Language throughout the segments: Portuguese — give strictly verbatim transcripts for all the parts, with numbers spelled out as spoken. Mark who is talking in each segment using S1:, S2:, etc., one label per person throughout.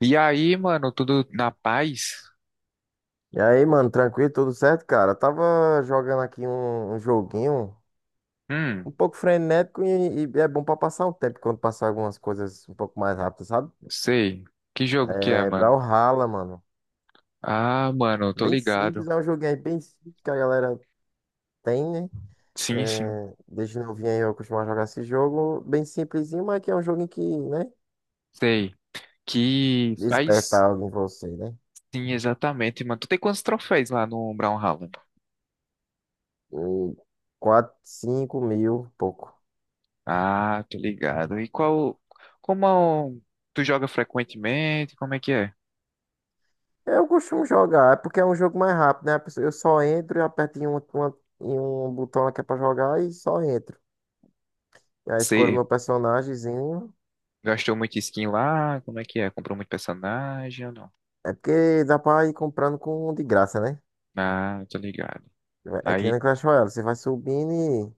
S1: E aí, mano, tudo na paz?
S2: E aí, mano, tranquilo, tudo certo, cara? Eu tava jogando aqui um, um joguinho um
S1: Hum,
S2: pouco frenético e, e é bom pra passar o tempo quando passar algumas coisas um pouco mais rápido, sabe?
S1: sei. Que jogo que é,
S2: É
S1: mano?
S2: Brawlhalla, mano.
S1: Ah, mano, eu tô
S2: Bem
S1: ligado.
S2: simples, é um joguinho aí bem simples que a galera tem, né?
S1: Sim, sim,
S2: É, desde novinho aí eu costumo jogar esse jogo, bem simplesinho, mas que é um joguinho que, né,
S1: sei. Que
S2: desperta
S1: faz.
S2: algo em você, né?
S1: Sim, exatamente, mano. Tu tem quantos troféus lá no Brawlhalla?
S2: E quatro, cinco mil, pouco.
S1: Ah, tô ligado. E qual. Como tu joga frequentemente? Como é que é?
S2: Eu costumo jogar, é porque é um jogo mais rápido, né? A pessoa- Eu só entro e aperto em um, uma- em um botão que é pra jogar e só entro. E aí escolho
S1: Você
S2: meu personagemzinho.
S1: gastou muito skin lá? Como é que é? Comprou muito personagem ou não?
S2: É porque dá pra ir comprando com de graça, né?
S1: Ah, tô ligado.
S2: É que nem
S1: Aí.
S2: no Clash Royale, você vai subindo e...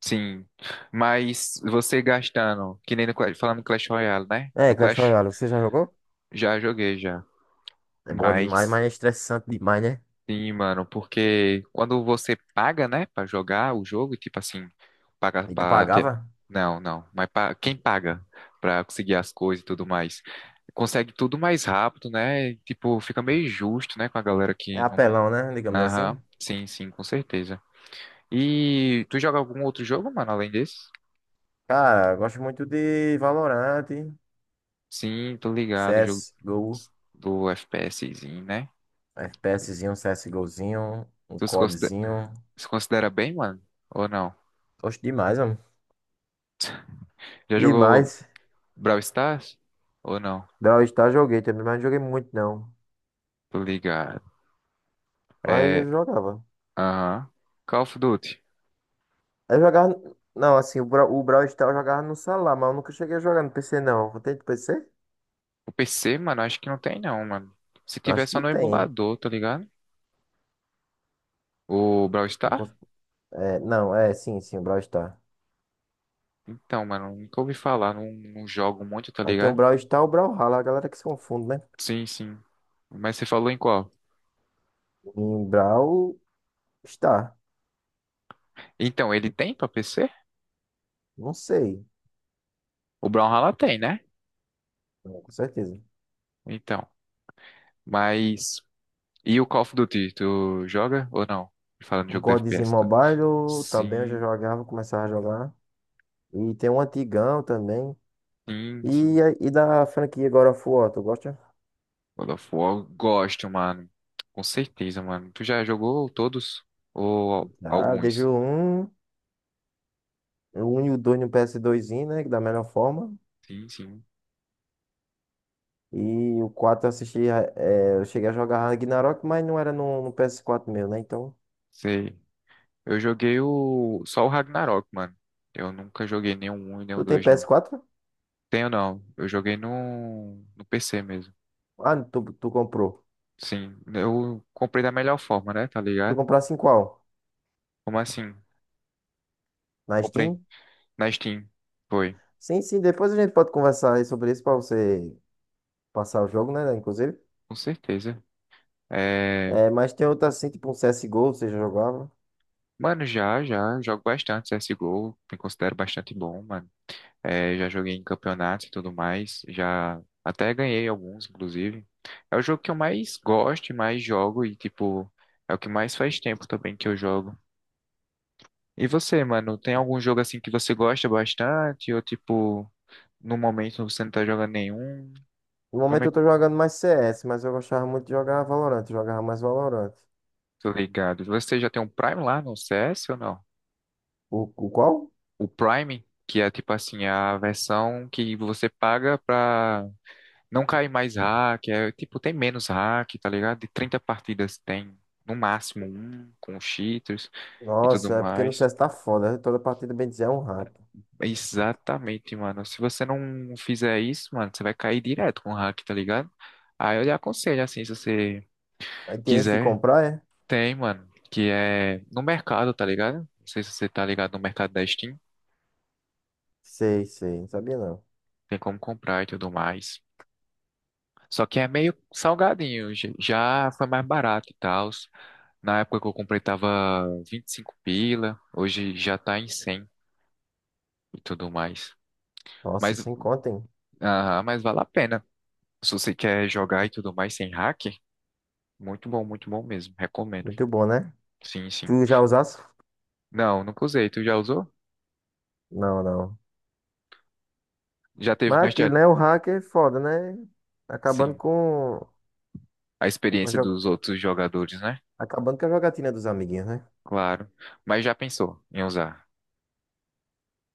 S1: Sim, mas você gastando, que nem no, Clash- falando em Clash Royale, né?
S2: É,
S1: No
S2: Clash
S1: Clash
S2: Royale, você já jogou?
S1: já joguei já,
S2: É bom demais,
S1: mas
S2: mas é estressante demais, né?
S1: sim, mano, porque quando você paga, né, pra jogar o jogo, e tipo assim, paga
S2: E tu
S1: pra ter.
S2: pagava?
S1: Não, não, mas pa- quem paga pra conseguir as coisas e tudo mais, consegue tudo mais rápido, né? Tipo, fica meio justo, né, com a galera
S2: É
S1: que não.
S2: apelão, né? Digamos assim.
S1: Aham, sim, sim, com certeza. E tu joga algum outro jogo, mano, além desse?
S2: Cara, eu gosto muito de Valorant,
S1: Sim, tô ligado, jogo
S2: C S, Go,
S1: do FPSzinho, né?
S2: FPSzinho, CSGOzinho, um
S1: Tu se considera,
S2: CODzinho.
S1: se considera bem, mano? Ou não?
S2: Gosto demais, mano.
S1: Já
S2: E
S1: jogou
S2: mais,
S1: Brawl Stars? Ou não?
S2: Brawl Stars joguei também, mas não joguei muito não.
S1: Tô ligado.
S2: Mas eu
S1: É,
S2: jogava.
S1: aham. Call of Duty.
S2: Eu jogava. Não, assim, o Bra- o Brawl Stars eu jogava no celular, mas eu nunca cheguei a jogar no P C não. Tem de P C?
S1: O P C, mano, acho que não tem não, mano. Se tiver
S2: Acho
S1: só
S2: que
S1: no
S2: tem. Hein?
S1: emulador, tá ligado? O Brawl
S2: Não
S1: Stars?
S2: cons- É, não, é, sim, sim, o Brawl Stars.
S1: Então, mano, nunca ouvi falar, não, não jogo muito, tá
S2: Aí tem o
S1: ligado?
S2: Brawl Stars e o Brawlhalla, a galera que se confunde, né?
S1: Sim, sim. Mas você falou em qual?
S2: Em Brawl Stars.
S1: Então, ele tem pra P C?
S2: Não sei,
S1: O Brawlhalla tem, né?
S2: não, com certeza.
S1: Então, mas. E o Call of Duty, tu joga ou não? Falando de
S2: Um
S1: jogo de
S2: CODzinho
S1: F P S, tu-.
S2: mobile eu também eu já
S1: Sim,
S2: jogava, começava a jogar. E tem um antigão também.
S1: sim, sim.
S2: E, a- e da franquia God of War, tu gosta?
S1: God of War, gosto, mano. Com certeza, mano. Tu já jogou todos? Ou
S2: Ah, deixo
S1: alguns?
S2: o um, o um e o dois no P S doisinho, né, que da melhor forma.
S1: Sim, sim.
S2: E o quatro eu assisti. É, eu cheguei a jogar Ragnarok, mas não era no, no P S quatro meu, né? Então.
S1: Sei. Eu joguei o só o Ragnarok, mano. Eu nunca joguei nem o um e nem o
S2: Tu tem
S1: dois, não.
S2: P S quatro?
S1: Tenho não. Eu joguei no no P C mesmo.
S2: Ah, tu, tu comprou.
S1: Sim. Eu comprei da melhor forma, né? Tá
S2: Tu
S1: ligado?
S2: comprasse em qual?
S1: Como assim?
S2: Na
S1: Comprei
S2: Steam?
S1: na Steam. Foi.
S2: Sim, sim, depois a gente pode conversar aí sobre isso pra você passar o jogo, né? Inclusive.
S1: Com certeza. É...
S2: É, mas tem outra assim, tipo um C S G O, você já jogava.
S1: Mano, já, já, jogo bastante C S G O, me considero bastante bom, mano. É, já joguei em campeonatos e tudo mais, já até ganhei alguns, inclusive. É o jogo que eu mais gosto, e mais jogo e, tipo, é o que mais faz tempo também que eu jogo. E você, mano, tem algum jogo assim que você gosta bastante ou, tipo, no momento você não tá jogando nenhum?
S2: No
S1: Como
S2: momento
S1: é
S2: eu
S1: que
S2: tô jogando mais C S, mas eu gostava muito de jogar Valorant, eu jogava mais Valorant.
S1: tô ligado? Você já tem um Prime lá no C S ou não?
S2: O, o qual?
S1: O Prime, que é, tipo assim, a versão que você paga pra. Não cai mais hack, é, tipo, tem menos hack, tá ligado? De trinta partidas tem no máximo um com os cheaters e tudo
S2: Nossa, é porque no
S1: mais.
S2: C S tá foda, né? Toda partida, bem dizer, é um rato.
S1: Exatamente, mano. Se você não fizer isso, mano, você vai cair direto com o hack, tá ligado? Aí eu lhe aconselho, assim, se você
S2: Aí tem esse de
S1: quiser,
S2: comprar, é?
S1: tem, mano, que é no mercado, tá ligado? Não sei se você tá ligado no mercado da Steam,
S2: Sei, sei. Não sabia não.
S1: tem como comprar e tudo mais. Só que é meio salgadinho. j- Já foi mais barato e tal. Na época que eu comprei tava vinte e cinco pila. Hoje já tá em cem e tudo mais.
S2: Nossa,
S1: Mas,
S2: sem conta, hein?
S1: ah, mas vale a pena. Se você quer jogar e tudo mais sem hack, muito bom, muito bom mesmo. Recomendo.
S2: Muito bom, né?
S1: Sim, sim.
S2: Tu já usasse?
S1: Não, nunca usei. Tu já usou?
S2: Não, não.
S1: Já teve,
S2: Mas é
S1: mas já,
S2: aquilo, né? O hacker é foda, né? Acabando
S1: sim.
S2: com...
S1: A
S2: com a
S1: experiência
S2: jo-
S1: dos outros jogadores, né?
S2: Acabando com a jogatina dos amiguinhos, né?
S1: Claro. Mas já pensou em usar?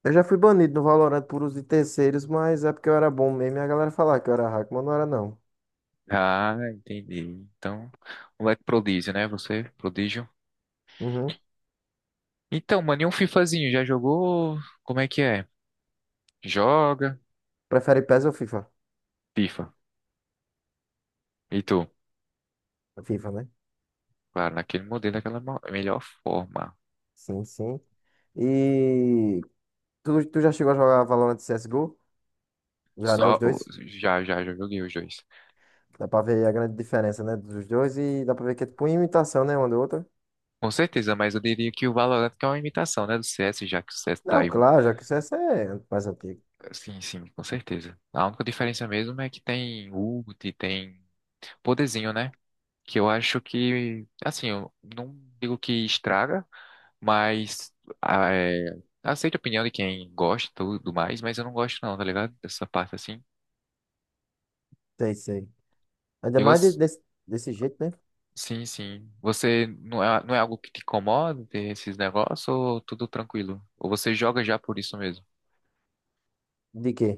S2: Eu já fui banido no Valorant por uso de terceiros, mas é porque eu era bom mesmo e a galera falava que eu era hacker, mas não era não.
S1: Ah, entendi. Então, moleque prodígio, né? Você, prodígio.
S2: Uhum.
S1: Então, mano, e um FIFAzinho? Já jogou? Como é que é? Joga?
S2: Prefere PES ou FIFA?
S1: FIFA. E tu?
S2: FIFA, né?
S1: Claro, naquele modelo, daquela mo- melhor forma.
S2: Sim, sim. E tu, tu já chegou a jogar Valorant C S G O? Já, né? Os
S1: Só, o-
S2: dois.
S1: já, já, já joguei os dois.
S2: Dá pra ver a grande diferença, né? Dos dois e dá pra ver que é tipo uma imitação, né? Uma da outra.
S1: Com certeza, mas eu diria que o Valorant que é uma imitação, né, do C S, já que o C S tá
S2: Não,
S1: aí.
S2: claro, já que o C S é mais antigo.
S1: Sim, sim, com certeza. A única diferença mesmo é que tem ult, tem poderzinho, né? Que eu acho que, assim, eu não digo que estraga, mas ah, é, aceito a opinião de quem gosta e tudo mais, mas eu não gosto não, tá ligado? Dessa parte assim.
S2: Sei, sei. Ainda
S1: E
S2: mais de-
S1: você,
S2: desse, desse jeito, né?
S1: sim, sim. Você não é, não é algo que te incomoda ter esses negócios ou tudo tranquilo? Ou você joga já por isso mesmo?
S2: De quê?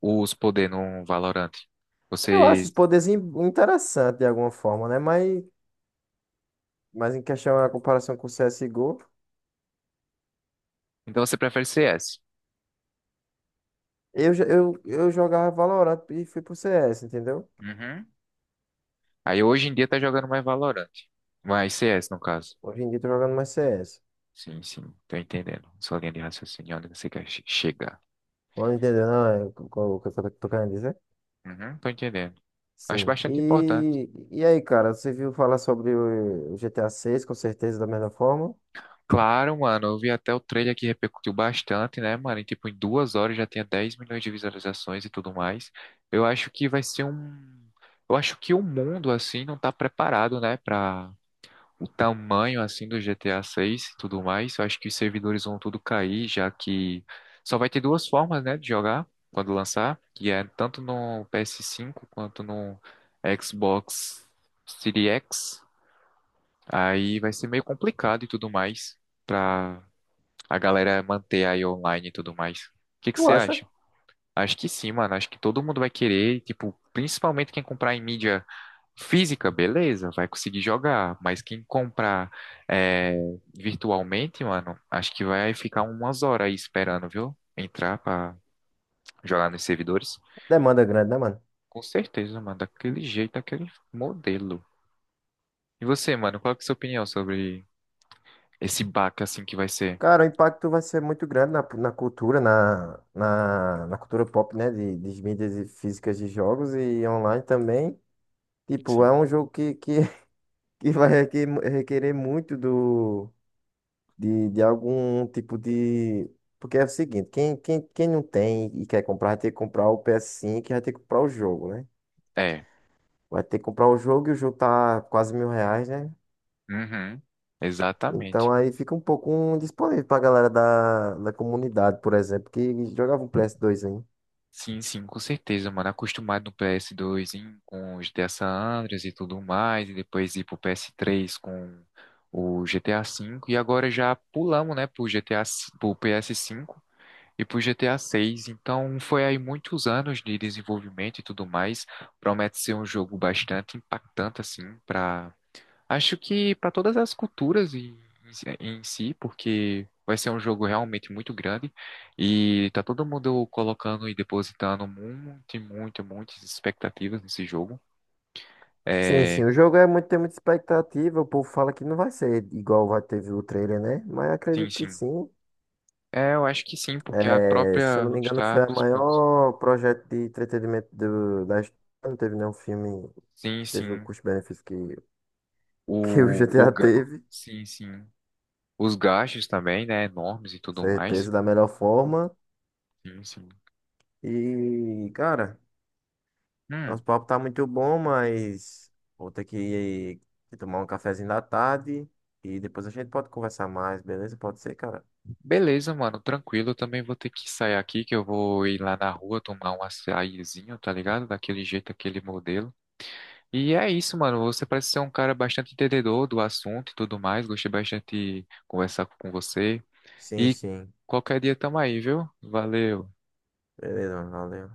S1: Os poder no Valorant.
S2: Eu acho
S1: Você,
S2: os poderes in- interessantes de alguma forma, né? Mas, mas em questão a comparação com o C S G O,
S1: então você prefere C S?
S2: eu, já- eu, eu jogava Valorant e fui pro C S, entendeu?
S1: Uhum. Aí hoje em dia tá jogando mais Valorant. Mais C S no caso.
S2: Hoje em dia eu tô jogando mais C S.
S1: Sim, sim, tô entendendo. Sua linha de raciocínio, onde você quer che- chegar.
S2: Não entendeu, não? É o que eu tô, tô querendo dizer?
S1: Uhum, tô entendendo. Acho
S2: Sim.
S1: bastante importante.
S2: E, e aí, cara, você viu falar sobre o G T A seis, com certeza, da mesma forma?
S1: Claro, mano, eu vi até o trailer que repercutiu bastante, né, mano? E, tipo, em duas horas já tinha dez milhões de visualizações e tudo mais. Eu acho que vai ser um. Eu acho que o mundo, assim, não tá preparado, né, pra o tamanho, assim, do G T A seis e tudo mais. Eu acho que os servidores vão tudo cair, já que só vai ter duas formas, né, de jogar quando lançar, que é tanto no P S cinco quanto no Xbox Series X. Aí vai ser meio complicado e tudo mais. Pra a galera manter aí online e tudo mais. O que que
S2: Tu
S1: você
S2: acha?
S1: acha? Acho que sim, mano. Acho que todo mundo vai querer, tipo, principalmente quem comprar em mídia física, beleza, vai conseguir jogar. Mas quem comprar é, virtualmente, mano, acho que vai ficar umas horas aí esperando, viu? Entrar pra jogar nos servidores.
S2: Demanda grande, né, mano?
S1: Com certeza, mano. Daquele jeito, daquele modelo. E você, mano, qual que é a sua opinião sobre esse baque assim que vai ser?
S2: Cara, o impacto vai ser muito grande na, na cultura, na, na, na cultura pop, né? De, de mídias e físicas de jogos e online também. Tipo,
S1: Sim.
S2: é um jogo que, que, que vai requer- requerer muito do, de, de algum tipo de. Porque é o seguinte, quem, quem, quem não tem e quer comprar, vai ter que comprar o ps cinco e vai ter que comprar o jogo, né?
S1: É.
S2: Vai ter que comprar o jogo e o jogo tá quase mil reais, né?
S1: Uhum. Exatamente.
S2: Então aí fica um pouco indisponível pra galera da, da comunidade, por exemplo, que jogava um ps dois ainda.
S1: Sim, sim, com certeza, mano. Acostumado no P S dois em- com os G T A San Andreas e tudo mais, e depois ir pro P S três com o G T A cinco, e agora já pulamos, né, pro G T A, s- pro P S cinco e pro G T A seis. Então foi aí muitos anos de desenvolvimento e tudo mais. Promete ser um jogo bastante impactante, assim, para. Acho que para todas as culturas em, em si, si, porque vai ser um jogo realmente muito grande e tá todo mundo colocando e depositando muito, muito, muitas expectativas nesse jogo.
S2: Sim, sim,
S1: É,
S2: o jogo é muito, tem muita expectativa. O povo fala que não vai ser igual vai teve o trailer, né? Mas
S1: sim,
S2: acredito que
S1: sim.
S2: sim.
S1: É, eu acho que sim, porque a
S2: É, se eu
S1: própria
S2: não me engano, foi
S1: Rockstar,
S2: o
S1: tipo,
S2: maior projeto de entretenimento do, da história. Não teve nenhum filme
S1: sim,
S2: que teve o
S1: sim,
S2: custo-benefício que, que o
S1: o, o,
S2: G T A
S1: ga-
S2: teve.
S1: sim, sim, os gastos também, né, enormes e tudo mais.
S2: Certeza, da melhor forma.
S1: Sim, sim.
S2: E, cara. Nosso
S1: Hum.
S2: papo tá muito bom, mas vou ter que que tomar um cafezinho da tarde e depois a gente pode conversar mais, beleza? Pode ser, cara?
S1: Beleza, mano, tranquilo. Eu também vou ter que sair aqui, que eu vou ir lá na rua tomar um açaizinho, tá ligado? Daquele jeito, aquele modelo. E é isso, mano. Você parece ser um cara bastante entendedor do assunto e tudo mais. Gostei bastante de conversar com você.
S2: Sim,
S1: E
S2: sim.
S1: qualquer dia tamo aí, viu? Valeu.
S2: Beleza, mano, valeu.